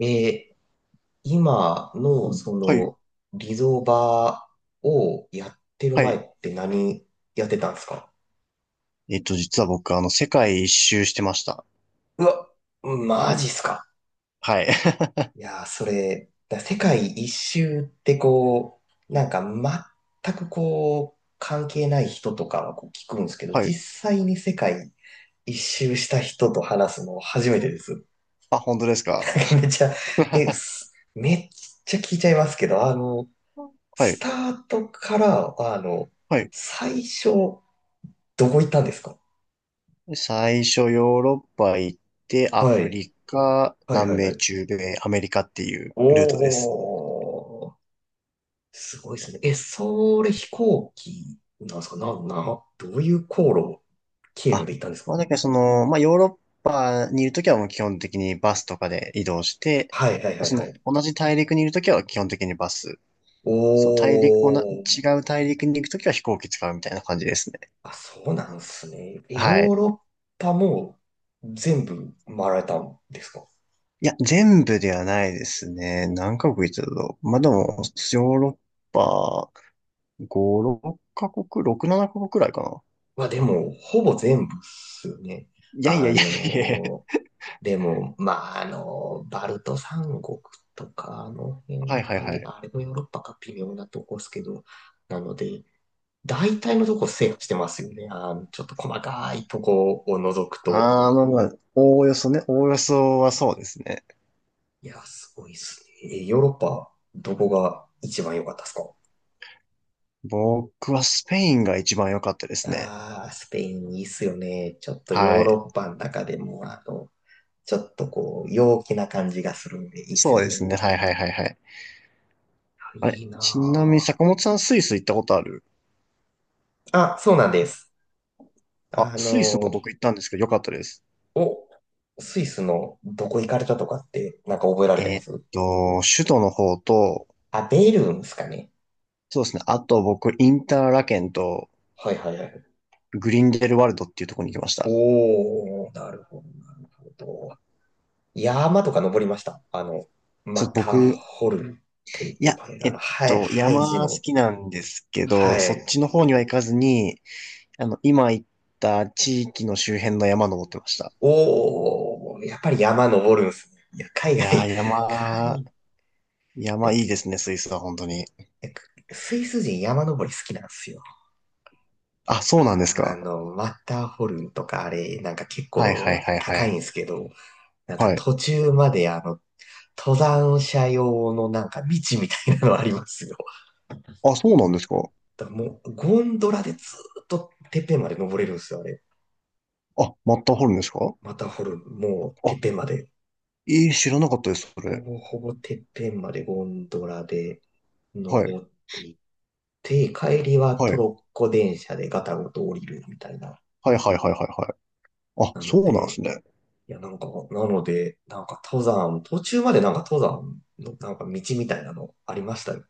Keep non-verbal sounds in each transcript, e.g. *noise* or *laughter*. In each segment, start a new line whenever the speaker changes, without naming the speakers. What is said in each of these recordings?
えー今のそ
はい。
のリゾバをやってる
は
前
い。
って何やってたんですか？
実は僕、世界一周してました。
うわ、マジっすか。
はい。
いやー、それ、世界一周ってこう、なんか全くこう、関係ない人とかはこう聞くんですけ
*laughs*
ど、
はい。
実際に世界一周した人と話すの初めてです。
あ、本当ですか？
なんかめっちゃ、
*laughs*
え、すめっちゃ聞いちゃいますけど、
は
ス
い。
タートから、
はい。
最初、どこ行ったんですか？
最初、ヨーロッパ行って、ア
は
フ
い。
リカ、
はい
南
はいは
米、
い。
中米、アメリカっていうルートです。
おー、すごいですね。え、それ飛行機なんですか？どういう航路、経路
あ、
で行ったんですか？
まあ、だからその、まあ、ヨーロッパにいるときはもう基本的にバスとかで移動して、
はいはい
ま
は
あ
い
そ
は
の、
い。
同じ大陸にいるときは基本的にバス。
お
そう、大陸、おな、
ー、
違う大陸に行くときは飛行機使うみたいな感じですね。
あ、そうなんですね。え、ヨ
は
ー
い。
ロッパも全部回られたんですか？
いや、全部ではないですね。何カ国行ってたと。まあ、でも、ヨーロッパ5、6カ国、6、7カ国くらいかな。
まあでも、ほぼ全部っすよね。
いやいや
あ
いやいやい
の
や。
ーでも、まあ、バルト三国とか、あの辺
はいはい
は、い
はい。
やあれもヨーロッパか微妙なとこですけど、なので、大体のとこ制覇してますよね。ちょっと細かいとこを除くと。
あー、まあまあ、おおよそね。おおよそはそうですね。
いや、すごいですね。え、ヨーロッパ、どこが一番良かったですか？
僕はスペインが一番良かったですね。
ああ、スペインいいっすよね。ちょっとヨー
はい。
ロッパの中でも、ちょっとこう、陽気な感じがするんでいいっす
そ
よ
うです
ね。
ね。はいはいはいはい。
あ
あれ、
いい
ちなみに
な
坂本さんスイス行ったことある？
ぁあ、そうなんです。
あ、
あ
スイスも
の
僕行ったんですけど良かったです。
お、スイスのどこ行かれたとかって、なんか覚えられて
え
ま
ーっ
す？
首都の方と、
あ、ベルンですかね。
そうですね。あと僕、インターラケンと
はいはいはい。
グリンデルワルドっていうところに行きました。
おー、なるほど。山とか登りました？
そ
マ
う、
ター
僕、
ホルンって
い
呼
や、
ばれる、
え
あ
っ
の、ハイ、
と、
ハイジ
山好
の、
きなんですけ
は
ど、そ
い。
っちの方には行かずに、あの、今行った地域の周辺の山登ってました。
おー、やっぱり山登るんすね。いや、海
い
外、
や
海
ー、
外
山、
っ
山いいで
て、
すね、スイスは本当に。
いやスイス人山登り好きなんですよ。
あ、そうなんですか。
マッターホルンとかあれ、なんか結
はいはい
構
はいは
高いん
い。
ですけど、なんか
はい。
途中まで登山者用のなんか道みたいなのありますよ。
あ、そうなんですか。
だからもうゴンドラでずっとてっぺんまで登れるんですよ、あれ。
あ、マッターホルンですか？
また掘る、もうてっ
あ、
ぺんまで。
えー、知らなかったです、そ
ほ
れ。
ぼほぼてっぺんまでゴンドラで
はい。
登っていって、帰りは
は
ト
い。
ロッコ電車でガタゴト降りるみたいな。
はいはいはいはいはい。あ、
な
そ
の
うなんです
で、
ね。
いや、なんか、なので、なんか登山、途中までなんか登山のなんか道みたいなのありましたよ。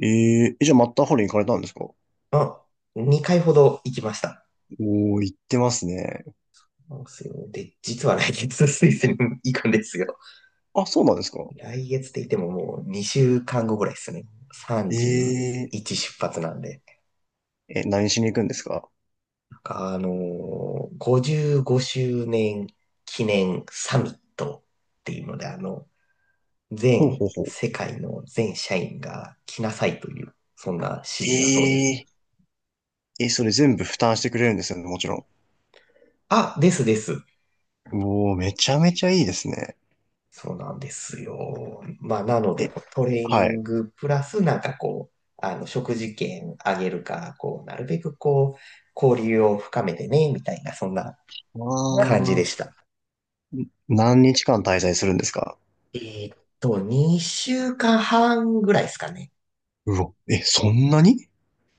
えー、え、じゃあマッターホルン行かれたんですか？お
まあ、2回ほど行きました。
ー、行ってますね。
なすよ。で、実は来月スイスに行くんですよ。
あ、そうなんですか？
来月って言ってももう2週間後ぐらいですね。
ええ、
31出発なんで。
え、何しに行くんですか？
なんか55周年記念サミットっていうので、
ほう
全
ほうほう。
世界の全社員が来なさいという、そんな指示だそうです。
ええ、え、それ全部負担してくれるんですよね、もちろ
あ、ですです。
ん。うおー、めちゃめちゃいいですね。
そうなんですよ。まあ、なので、
え、
こうトレーニ
は
ン
い。
グプラス、なんかこう、食事券あげるか、こう、なるべくこう、交流を深めてね、みたいな、そんな
あ
感じで
あ、
した。
何日間滞在するんですか？
2週間半ぐらいですかね。
うわ、え、そんなに？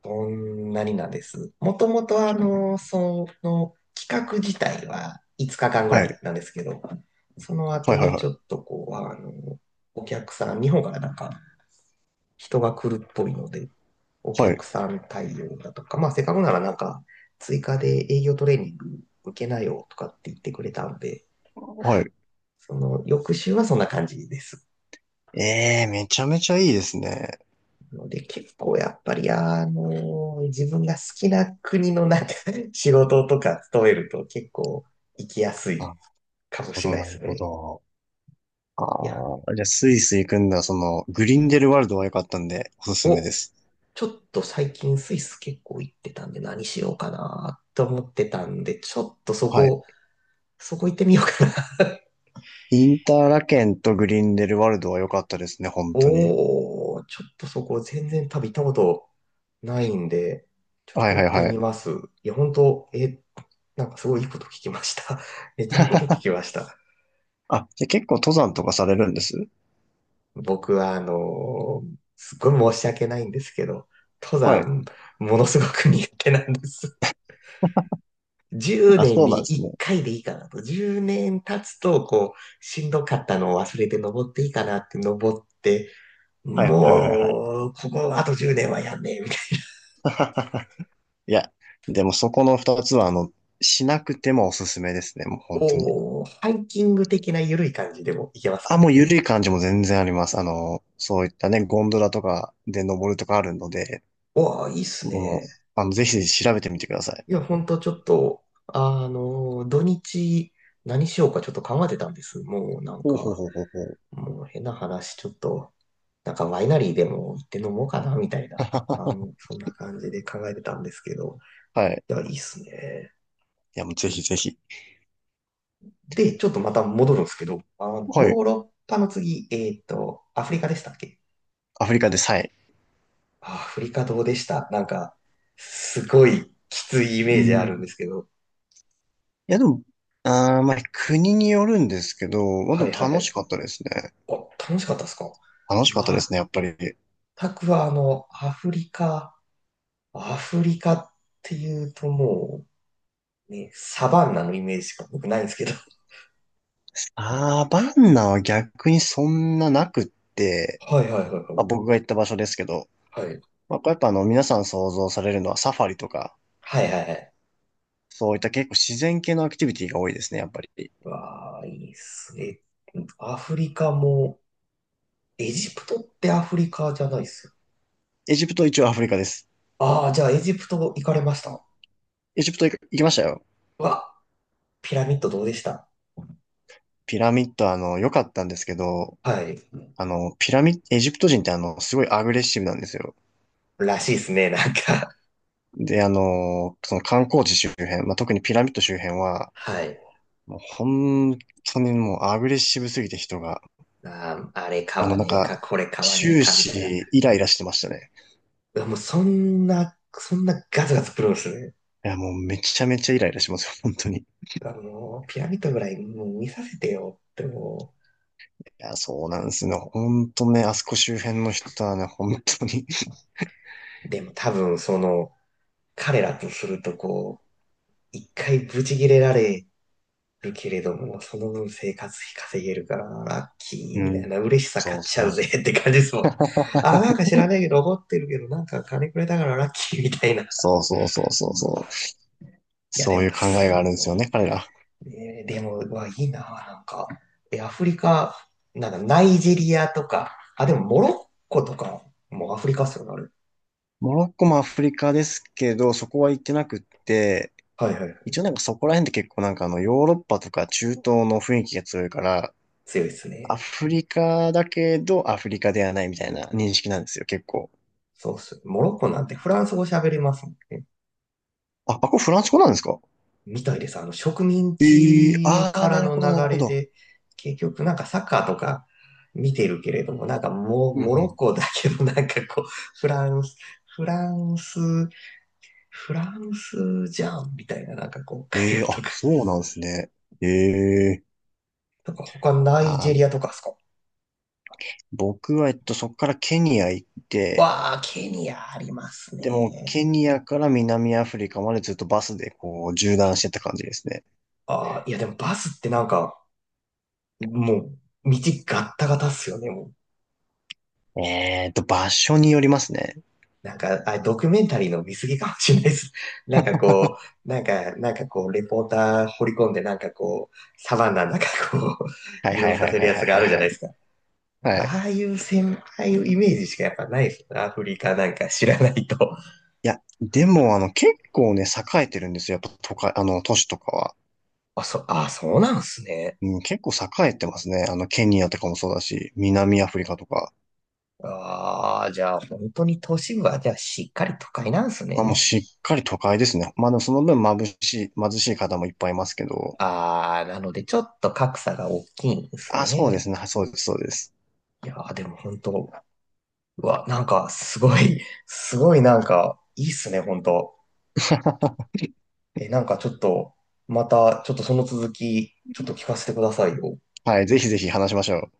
そんなになんです。もともと、企画自体は5日間ぐ
は
らい
い。
なんですけど、その
は
後
いはい
に
は
ちょっ
い。
とこう、お客さん、日本からなんか人が来るっぽいので、お
はい。
客さん対応だとか、まあ、せっかくならなんか、追加で営業トレーニング受けなよとかって言ってくれたんで、
はい。
その翌週はそんな感じです。
ええ、めちゃめちゃいいですね。
ので、結構やっぱり、自分が好きな国のなんか *laughs* 仕事とか勤めると結構行きやす
な
い
る
かも
ほ
しれ
ど、
ないで
な
す
るほ
ね。
ど。
いや、
ああ、じゃあスイス行くんだ、その、グリンデルワルドは良かったんで、おすすめで
お、
す。
ちょっと最近スイス結構行ってたんで何しようかなと思ってたんで、ちょっとそ
はい。
こ、そこ行ってみようかな？
インターラケンとグリンデルワルドは良かったですね、本当に。
おー、ちょっとそこ全然多分行ったことないんで、ちょっ
は
と
いはい
行って
は
み
い。
ます。いや、本当、え、なんかすごいいいこと聞きました。*laughs* めっちゃいいこと聞きました。
あ、じゃあ結構登山とかされるんです？
僕は、すっごい申し訳ないんですけど、登
はい。
山、ものすごく苦手なんです。*laughs* 10
あ、
年
そう
に
なんです
1
ね。
回でいいかなと。10年経つと、こう、しんどかったのを忘れて登っていいかなって登って、
はいはいはいはい。
もう、ここあと10年はやんねえ、
*laughs* いや、でもそこの二つは、あの、しなくてもおすすめですね、もう本当に。
おお、ハイキング的な緩い感じでもいけます
あ、
か？
もう緩い感じも全然あります。あの、そういったね、ゴンドラとかで登るとかあるので、
わあ、いいっす
もう、
ね。
あの、ぜひぜひ調べてみてください。
いや、ほんとちょっと、土日何しようかちょっと考えてたんです。もうなん
ほうほう
か、
ほうほうほう。
もう変な話、ちょっと、なんかワイナリーでも行って飲もうかな、みたいな、なんかも
*laughs*
うそんな感じで考えてたんですけど、
はい。
いや、いいっすね。
いや、もうぜひぜひ。
で、ちょっとまた戻るんですけど、ヨ
はい。
ーロッパの次、アフリカでしたっけ？
アフリカでさえ。
あ、アフリカどうでした？なんか、すごいきついイ
う
メージあるんで
ん、
すけど。
いや、でも、あー、まあ、国によるんですけど、まあ、
は
で
い
も
はいは
楽し
い。
かったですね。
あ、楽しかったですか？
楽し
全
かったですね、やっぱり。
くはアフリカっていうともう、ね、サバンナのイメージしか僕ないんですけど。
ああ、バンナは逆にそんななくって、
はいはいはいは
まあ、
い。
僕が行った場所ですけど、
はい。
まあ、これやっぱあの、皆さん想像されるのはサファリとか、
はいはいはい。
そういった結構自然系のアクティビティが多いですね、やっぱり。
わあ、いいっすね。アフリカも、エジプトってアフリカじゃないっすよ。
エジプト一応アフリカです。
ああ、じゃあエジプト行かれました？
エジプト行行きましたよ。
うわ、ピラミッドどうでした？
ピラミッド、あの、良かったんですけど、
はい。
あの、ピラミッド、エジプト人ってあの、すごいアグレッシブなんですよ。
らしいですね、なんか。
で、あの、その観光地周辺、まあ、特にピラミッド周辺は、
はい。
もう本当にもうアグレッシブすぎて人が、
あー、あれ買
あの、
わ
なん
ねえ
か、
か、これ買わねえ
終
か、みたいな。
始イライラしてましたね。
もうそんなガツガツプロですね。
いや、もうめちゃめちゃイライラしますよ、本当に。い
ピラミッドぐらいもう見させてよっても
や、そうなんですね。本当ね、あそこ周辺の人はね、本当に。
う。でも多分彼らとするとこう、一回ブチ切れられるけれども、その分生活費稼げるから、ラッキ
う
ーみたい
ん。
な、嬉しさ買
そ
っ
う
ちゃ
そ
う
う
ぜ
そう。
って感じですもん。あ、なんか
*laughs*
知らないけど、怒ってるけど、なんか金くれたからラッキーみたいな。い
そうそうそうそうそう。
や、
そ
で
うい
も、
う考えがあるんですよね、彼ら。
でも、うわ、いいな、なんか。え、アフリカ、なんだ、ナイジェリアとか、あ、でも、モロッコとかもうアフリカっすよね、あ
モロッコもアフリカですけど、そこは行ってなくって、
れ。はいはい。
一応なんかそこら辺って結構なんかあのヨーロッパとか中東の雰囲気が強いから、
強いです
ア
ね。
フリカだけどアフリカではないみたいな認識なんですよ、結構。
そうっす。モロッコなんてフランス語喋れますもんね。
あ、あ、これフランス語なんですか？
みたいです。植民
ええー、
地
ああ
か
ー、
ら
なる
の
ほど、なる
流
ほ
れ
ど。
で、結局なんかサッカーとか見てるけれども、なんかも
う
う、
んう
モロッ
ん。
コだけど、なんかこう、フランス、フランス、フランスじゃんみたいな、なんかこう、会
ええー、
話と
あ、
か
そうなんですね。ええー、
とか他ナイジ
あ
ェ
ー、
リアとかですか？
僕は、そこからケニア行って、
わあ、ケニアあります
でも、
ね。
ケニアから南アフリカまでずっとバスでこう、縦断してった感じですね。
ああ、いやでもバスってなんか、もう、道ガッタガタっすよね、もう。
場所によりますね。
なんか、あれ、ドキュメンタリーの見過ぎかもしれないです。*laughs* なんかこなんかこう、レポーター掘り込んで、なんかこう、サバンナなんかこう、*laughs*
はい
移
は
動
いは
さ
い
せる
はい
や
はい
つがあ
はい
るじゃ
は
ないで
い。
すか。
はい、
ああいう先輩イメージしかやっぱないですよね。アフリカなんか知らないと。
いや、でも、あの、結構ね、栄えてるんですよ。やっぱ、都会、あの、都市とかは。
あ、そうなんすね。
うん、結構栄えてますね。あの、ケニアとかもそうだし、南アフリカとか。
ああ、じゃあ本当に都市部はじゃあしっかり都会なんです
あ、もう
ね。
しっかり都会ですね。まあでもその分眩しい、貧しい方もいっぱいいますけど。
ああ、なのでちょっと格差が大きいんです
あ、そうで
ね。
すね。そうです、そうです。
いやーでも本当、うわ、なんかすごい、すごいなんかいいっすね、本当。
*laughs*
え、なんかちょっと、またちょっとその続き、ちょっと聞かせてくださいよ。
はい、ぜひぜひ話しましょう。